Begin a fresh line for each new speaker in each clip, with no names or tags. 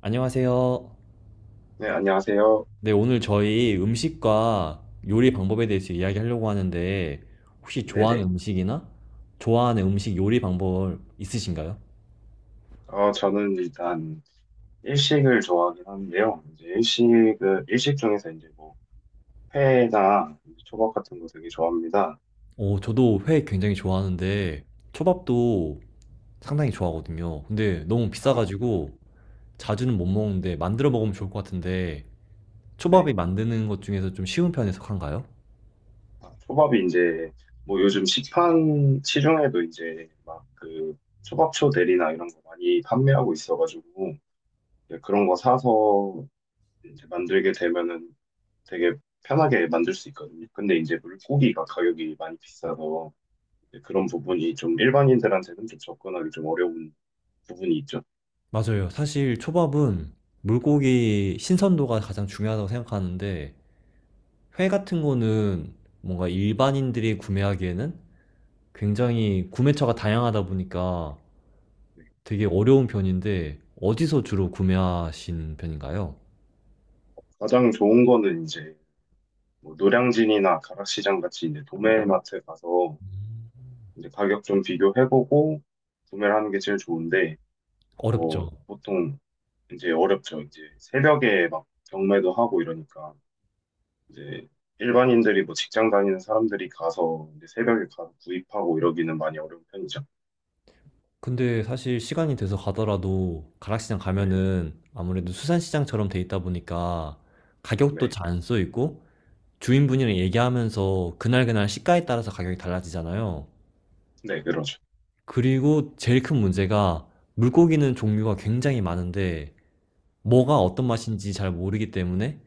안녕하세요.
네, 안녕하세요.
네, 오늘 저희 음식과 요리 방법에 대해서 이야기하려고 하는데, 혹시 좋아하는
네네.
음식이나 좋아하는 음식 요리 방법 있으신가요?
저는 일단 일식을 좋아하긴 하는데요. 이제 일식 중에서 이제 뭐, 회나 이제 초밥 같은 거 되게 좋아합니다.
어, 저도 회 굉장히 좋아하는데, 초밥도 상당히 좋아하거든요. 근데 너무
아,
비싸가지고 자주는 못 먹는데 만들어 먹으면 좋을 것 같은데,
네.
초밥이 만드는 것 중에서 좀 쉬운 편에 속한가요?
아, 초밥이 이제, 뭐 요즘 시판, 시중에도 이제 막 그 초밥초 대리나 이런 거 많이 판매하고 있어가지고, 이제 그런 거 사서 이제 만들게 되면은 되게 편하게 만들 수 있거든요. 근데 이제 물고기가 가격이 많이 비싸서, 네, 그런 부분이 좀 일반인들한테는 좀 접근하기 좀 어려운 부분이 있죠.
맞아요. 사실 초밥은 물고기 신선도가 가장 중요하다고 생각하는데, 회 같은 거는 뭔가 일반인들이 구매하기에는 굉장히 구매처가 다양하다 보니까
네,
되게 어려운 편인데 어디서 주로 구매하신 편인가요?
가장 좋은 거는 이제 뭐 노량진이나 가락시장 같이 이제 도매마트 가서 이제 가격 좀 비교해보고 구매를 하는 게 제일 좋은데
어렵죠.
뭐 보통 이제 어렵죠. 이제 새벽에 막 경매도 하고 이러니까 이제 일반인들이 뭐 직장 다니는 사람들이 가서 이제 새벽에 가서 구입하고 이러기는 많이 어려운 편이죠.
근데 사실 시간이 돼서 가더라도 가락시장
네,
가면은 아무래도 수산시장처럼 돼 있다 보니까 가격도
네,
잘 안 써 있고, 주인분이랑 얘기하면서 그날그날 시가에 따라서 가격이 달라지잖아요.
네, 그러죠.
그리고 제일 큰 문제가, 물고기는 종류가 굉장히 많은데 뭐가 어떤
네,
맛인지 잘 모르기 때문에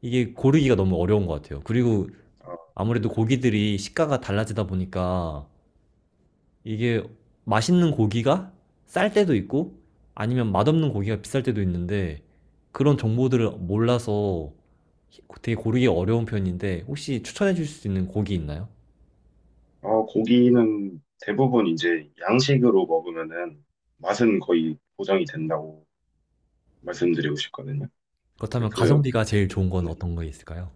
이게 고르기가 너무 어려운 것 같아요. 그리고
아, 맞아요.
아무래도 고기들이 식가가 달라지다 보니까, 이게 맛있는 고기가 쌀 때도 있고, 아니면 맛없는 고기가 비쌀 때도 있는데, 그런 정보들을 몰라서 되게 고르기 어려운 편인데, 혹시 추천해 주실 수 있는 고기 있나요?
고기는 대부분 이제 양식으로 먹으면은 맛은 거의 보장이 된다고 말씀드리고 싶거든요. 이제
그렇다면
그
가성비가 제일 좋은 건
네,
어떤 거 있을까요?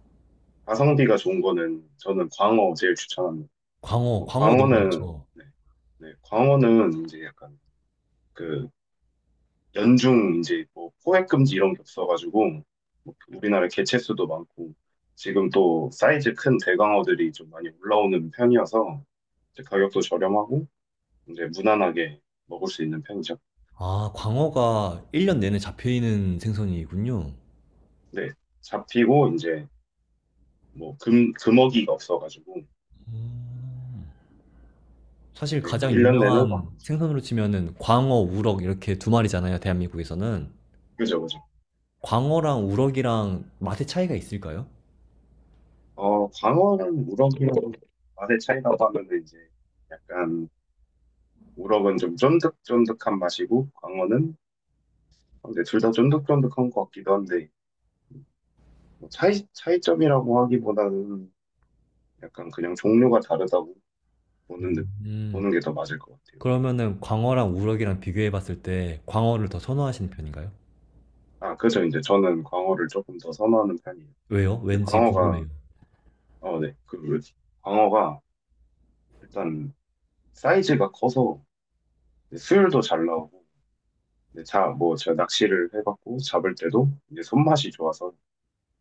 가성비가 좋은 거는 저는 광어 제일 추천합니다.
광어,
뭐
광어 너무
광어는
좋죠.
네, 네, 광어는 이제 약간 그 연중 이제 뭐 포획 금지 이런 게 없어가지고 뭐 우리나라 개체수도 많고 지금 또 사이즈 큰 대광어들이 좀 많이 올라오는 편이어서 이제 가격도 저렴하고 이제 무난하게 먹을 수 있는 편이죠.
아, 광어가 1년 내내 잡혀있는 생선이군요.
네, 잡히고 이제 뭐 금, 금어기가 없어가지고
음. 사실
네,
가장
1년 내내
유명한
막
생선으로 치면은 광어, 우럭 이렇게 두 마리잖아요, 대한민국에서는.
그죠, 그죠.
광어랑 우럭이랑 맛의 차이가 있을까요?
광어는 우럭이랑 맛의 차이라고 하면은 이제 약간 우럭은 좀 쫀득쫀득한 맛이고 광어는 근데 둘 다 쫀득쫀득한 것 같기도 한데 뭐 차이 차이점이라고 하기보다는 약간 그냥 종류가 다르다고 보는 느-
음,
보는 게 더 맞을 것 같아요.
그러면은 광어랑 우럭이랑 비교해 봤을 때 광어를 더
네.
선호하시는 편인가요?
아, 그죠. 이제 저는 광어를 조금 더 선호하는 편이에요.
왜요?
이제
왠지
광어가
궁금해요.
네. 그 광어가 일단 사이즈가 커서 이제 수율도 잘 나오고 이제 자, 뭐 제가 낚시를 해봤고 잡을 때도 이제 손맛이 좋아서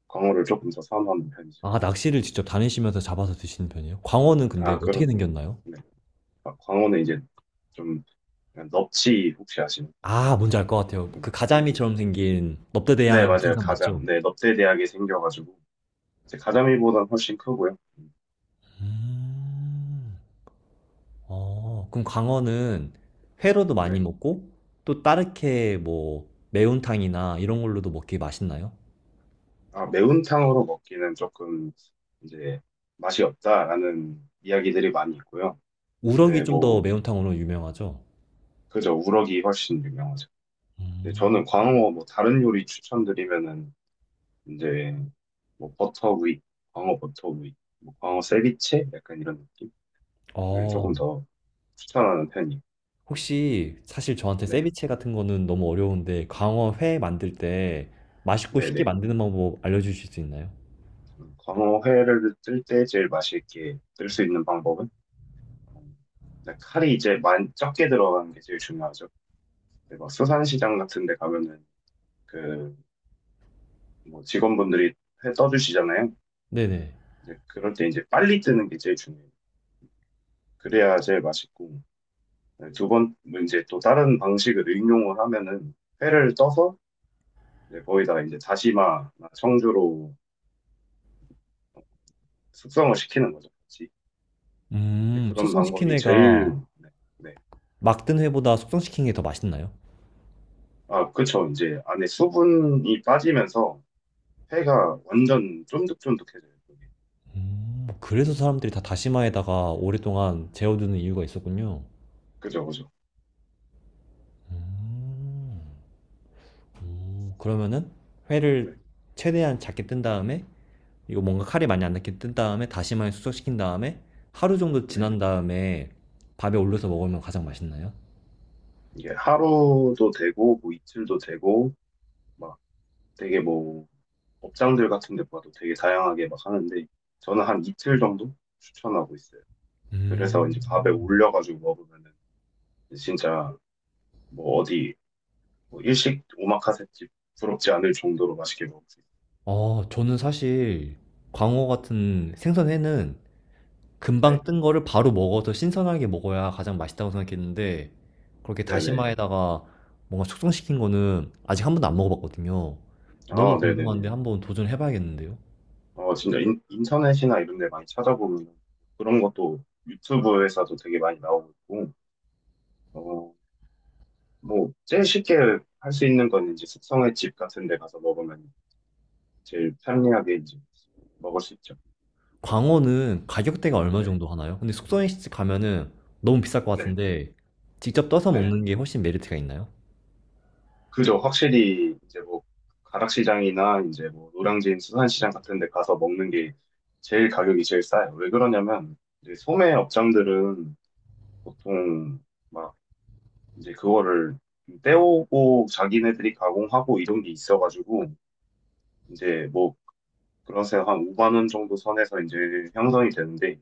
광어를 조금 더 선호하는 편이죠.
아, 낚시를 직접 다니시면서 잡아서 드시는 편이에요? 광어는 근데
아,
어떻게
그럼
생겼나요?
네. 아, 광어는 이제 좀 그냥 넙치 혹시 아시나요?
아, 뭔지 알 것 같아요. 그
네,
가자미처럼 생긴
네
넙대대한
맞아요.
생선 맞죠?
가장 네 넙대대하게 생겨가지고 이제 가자미보다는 훨씬 크고요.
음. 어, 그럼 강어는 회로도 많이
네,
먹고, 또 다르게 뭐 매운탕이나 이런 걸로도 먹기 맛있나요?
아 매운탕으로 먹기는 조금 이제 맛이 없다라는 이야기들이 많이 있고요.
우럭이
네,
좀 더
뭐
매운탕으로 유명하죠?
그저 우럭이 훨씬 유명하죠. 이제
음.
저는 광어 뭐 다른 요리 추천드리면은 이제 뭐 버터구이, 광어 버터구이, 뭐 광어 세비체 약간 이런 느낌을 조금
어,
더 추천하는 편이에요.
혹시 사실 저한테
네,
세비체 같은 거는 너무 어려운데, 강어 회 만들 때 맛있고
네,
쉽게
네.
만드는 방법 알려주실 수 있나요?
광어 회를 뜰 때 제일 맛있게 뜰 수 있는 방법은 음, 일단 칼이 이제 만 적게 들어가는 게 제일 중요하죠. 근데 막 수산시장 같은 데 가면은 그 뭐 직원분들이 회 떠주시잖아요.
네네.
근데 그럴 때 이제 빨리 뜨는 게 제일 중요해요. 그래야 제일 맛있고. 네, 두 번, 뭐 이제 또 다른 방식을 응용을 하면은 회를 떠서 이제 거기다가 이제 다시마나 청주로 숙성을 시키는 거죠. 같이. 이제 그런
숙성시킨
방법이 제일,
회가,
네. 네.
막든 회보다 숙성시킨 게 더 맛있나요?
아, 그쵸. 이제 안에 수분이 빠지면서 회가 완전 쫀득쫀득해져요. 그게.
그래서 사람들이 다 다시마에다가 오랫동안 재워두는 이유가 있었군요.
그죠, 그죠.
음. 그러면은
네,
회를 최대한 작게 뜬 다음에, 이거 뭔가 칼이 많이 안 닿게 뜬 다음에 다시마에 숙성시킨 다음에 하루 정도
네.
지난 다음에 밥에 올려서 먹으면 가장 맛있나요?
이게 하루도 되고, 뭐 이틀도 되고, 막 되게 뭐 업장들 같은 데 봐도 되게 다양하게 막 하는데, 저는 한 이틀 정도 추천하고 있어요. 그래서 이제 밥에
음.
올려가지고 먹으면은 진짜 뭐 어디 뭐 일식 오마카세집 부럽지 않을 정도로 맛있게 먹을 수 있어요.
어, 저는 사실 광어 같은 생선회는 금방
네,
뜬 거를 바로 먹어서 신선하게 먹어야 가장 맛있다고 생각했는데, 그렇게
네네.
다시마에다가 뭔가 숙성시킨 거는 아직 한 번도 안 먹어봤거든요. 너무
아, 네네네.
궁금한데 한번 도전해봐야겠는데요?
진짜 인, 인터넷이나 이런 데 많이 찾아보면 그런 것도 유튜브에서도 되게 많이 나오고 있고, 어, 뭐 제일 쉽게 할 수 있는 건 이제 숙성의 집 같은 데 가서 먹으면 제일 편리하게 이제 먹을 수 있죠.
광어는 가격대가 얼마
네,
정도 하나요? 근데 숙성식집 가면은 너무 비쌀 것
네,
같은데, 직접 떠서
네.
먹는 게 훨씬 메리트가 있나요?
그죠. 확실히 이제 뭐 가락시장이나 이제 뭐 노량진 수산시장 같은 데 가서 먹는 게 제일 가격이 제일 싸요. 왜 그러냐면 이제 소매 업장들은 보통 막 이제 그거를 떼오고 자기네들이 가공하고 이런 게 있어가지고 이제 뭐 그래서 한 5만 원 정도 선에서 이제 형성이 되는데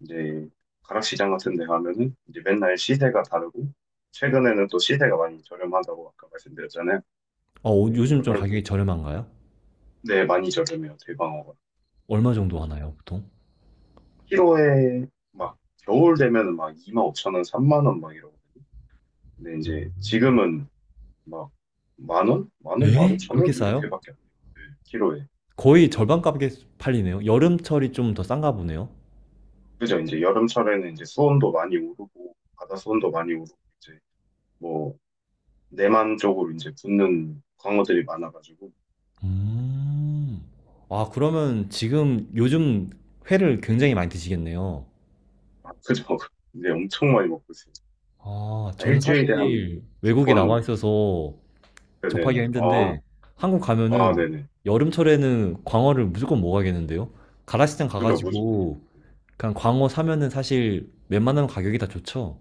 이제 가락시장 같은 데 가면은 이제 맨날 시세가 다르고 최근에는 또 시세가 많이 저렴하다고 아까 말씀드렸잖아요.
어,
예,
요즘 좀
그럴
가격이 저렴한가요?
네, 많이 저렴해요, 대방어가.
얼마 정도 하나요,
그래가지고,
보통?
키로에 막, 겨울 되면은 막 25,000원, 3만 원 막 이러거든요. 근데 이제 지금은 막, 10,000원? 10,000원, 만
에?
오천
그렇게
원?
싸요?
이렇게밖에 안 돼요. 네, 키로에.
거의 절반 값에 팔리네요. 여름철이 좀 더 싼가 보네요.
그죠? 이제 여름철에는 이제 수온도 많이 오르고, 바다 수온도 많이 오르고, 이제 뭐, 내만 쪽으로 이제 붙는 광어들이 많아가지고,
음. 아, 그러면 지금 요즘 회를 굉장히 많이 드시겠네요.
아, 그죠? 이제 엄청 많이 먹고 있어요.
아,
아,
저는
일주일에 한
사실
두
외국에
번은
나와
먹고 있어요.
있어서
그, 네네.
접하기가
아,
힘든데, 한국
아,
가면은
네네.
여름철에는 광어를 무조건 먹어야겠는데요? 가라시장
그죠?
가가지고 그냥 광어 사면은 사실 웬만하면 가격이 다 좋죠.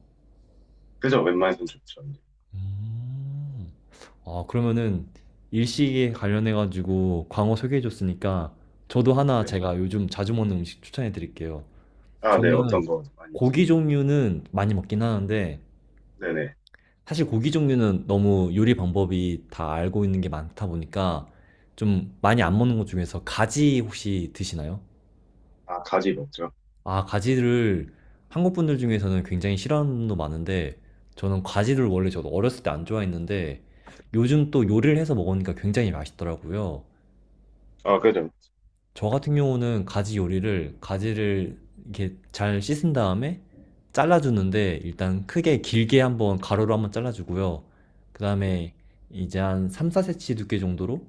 그죠? 웬만해선 좋죠.
음. 아, 그러면은 일식에 관련해가지고 광어 소개해줬으니까, 저도 하나
네.
제가 요즘 자주 먹는 음식 추천해드릴게요.
아, 네.
저는
어떤 거 많이 드시죠?
고기 종류는 많이 먹긴 하는데,
네네.
사실 고기 종류는 너무 요리 방법이 다 알고 있는 게 많다 보니까 좀 많이 안 먹는 것 중에서, 가지 혹시 드시나요?
아, 가지 먹죠?
아, 가지를 한국 분들 중에서는 굉장히 싫어하는 분도 많은데, 저는 가지를 원래, 저도 어렸을 때 안 좋아했는데 요즘 또 요리를 해서 먹으니까 굉장히 맛있더라고요.
아, 그죠.
저 같은 경우는 가지 요리를, 가지를 이렇게 잘 씻은 다음에 잘라주는데, 일단 크게 길게 한번 가로로 한번 잘라주고요. 그
네.
다음에 이제 한 3, 4cm 두께 정도로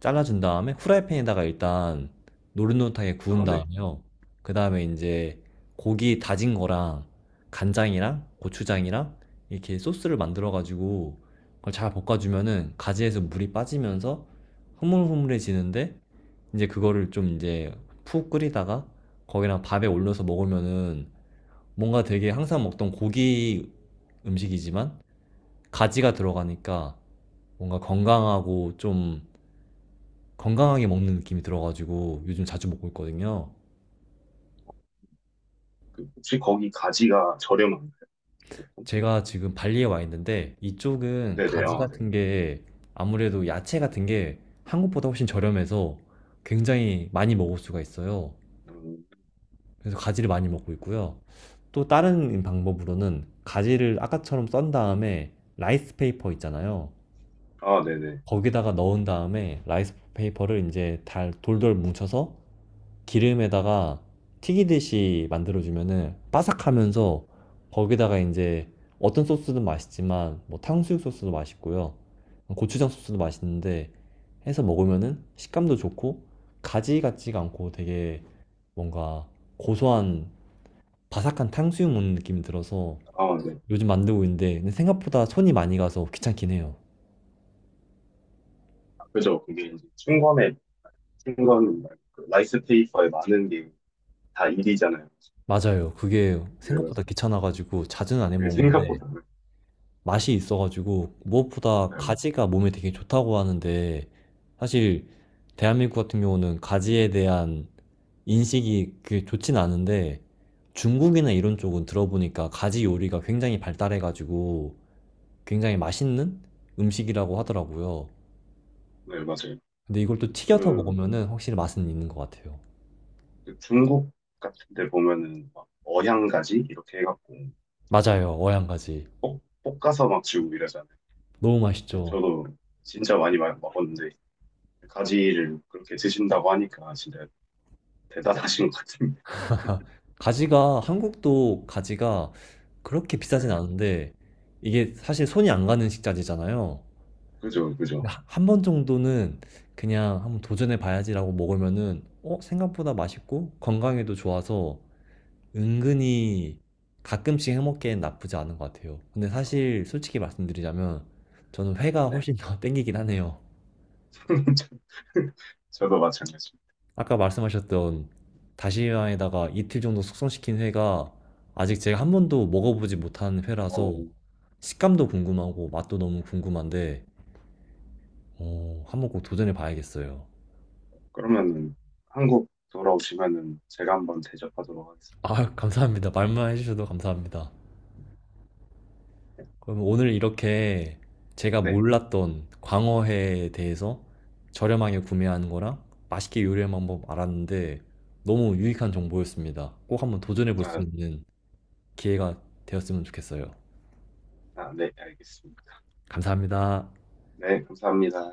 잘라준 다음에, 후라이팬에다가 일단 노릇노릇하게 구운
아, 네.
다음에요. 그 다음에 이제 고기 다진 거랑 간장이랑 고추장이랑 이렇게 소스를 만들어가지고 그걸 잘 볶아주면은, 가지에서 물이 빠지면서 흐물흐물해지는데, 이제 그거를 좀 이제 푹 끓이다가 거기랑 밥에 올려서 먹으면은, 뭔가 되게 항상 먹던 고기 음식이지만 가지가 들어가니까 뭔가 건강하고, 좀 건강하게 먹는 느낌이 들어가지고 요즘 자주 먹고 있거든요.
그 혹시 거기 가지가 저렴한가요? 보통?
제가 지금 발리에 와 있는데, 이쪽은
네네.
가지
아, 네.
같은 게, 아무래도 야채 같은 게 한국보다 훨씬 저렴해서 굉장히 많이 먹을 수가 있어요.
음,
그래서 가지를 많이 먹고 있고요. 또
네.
다른 방법으로는, 가지를 아까처럼 썬 다음에, 라이스 페이퍼 있잖아요.
아, 네네.
거기다가 넣은 다음에 라이스 페이퍼를 이제 돌돌 뭉쳐서 기름에다가 튀기듯이 만들어주면은 바삭하면서, 거기다가 이제 어떤 소스든 맛있지만, 뭐 탕수육 소스도 맛있고요. 고추장 소스도 맛있는데, 해서 먹으면은 식감도 좋고, 가지 같지가 않고 되게 뭔가 고소한, 바삭한 탕수육 먹는 느낌이 들어서
아, 네.
요즘 만들고 있는데, 근데 생각보다 손이 많이 가서 귀찮긴 해요.
아, 그죠. 그게 이제 충권에, 충권, 말고 그 라이스 페이퍼에 많은 게 다 일이잖아요.
맞아요. 그게
네,
생각보다
맞아요.
귀찮아가지고 자주는 안
그게
해먹는데,
생각보다.
맛이 있어가지고. 무엇보다
네,
가지가 몸에 되게 좋다고 하는데, 사실 대한민국 같은 경우는 가지에 대한 인식이 그게 좋진 않은데, 중국이나 이런 쪽은 들어보니까 가지 요리가 굉장히 발달해가지고 굉장히 맛있는 음식이라고 하더라고요.
네, 맞아요.
근데 이걸 또 튀겨서
그,
먹으면은 확실히 맛은 있는 것 같아요.
그 중국 같은 데 보면은 막 어향가지? 이렇게 해갖고
맞아요,
막
어양가지.
볶아서 막 주고 이러잖아요.
너무
근데
맛있죠.
저도 진짜 많이 먹었는데 가지를 그렇게 드신다고 하니까 진짜 대단하신 것 같은데.
가지가, 한국도 가지가 그렇게 비싸진
네.
않은데, 이게 사실 손이 안 가는 식자재잖아요.
그죠, 그죠.
한 번 정도는 그냥 한번 도전해 봐야지라고 먹으면은, 생각보다 맛있고 건강에도 좋아서, 은근히 가끔씩 해먹기엔 나쁘지 않은 것 같아요. 근데
어,
사실 솔직히 말씀드리자면, 저는 회가
네.
훨씬 더 땡기긴 하네요.
저도 마찬가지입니다.
아까 말씀하셨던
네.
다시마에다가 이틀 정도 숙성시킨 회가, 아직 제가 한 번도 먹어보지 못한 회라서
어,
식감도 궁금하고 맛도 너무 궁금한데, 한번 꼭 도전해 봐야겠어요.
그러면 한국 돌아오시면은 제가 한번 대접하도록 하겠습니다.
아, 감사합니다. 말만 해주셔도 감사합니다.
네.
그럼 오늘 이렇게 제가
네.
몰랐던 광어회에 대해서 저렴하게 구매하는 거랑 맛있게 요리하는 방법 알았는데, 너무 유익한 정보였습니다. 꼭 한번 도전해 볼 수
아,
있는 기회가 되었으면 좋겠어요.
아, 네, 알겠습니다.
감사합니다.
네, 감사합니다.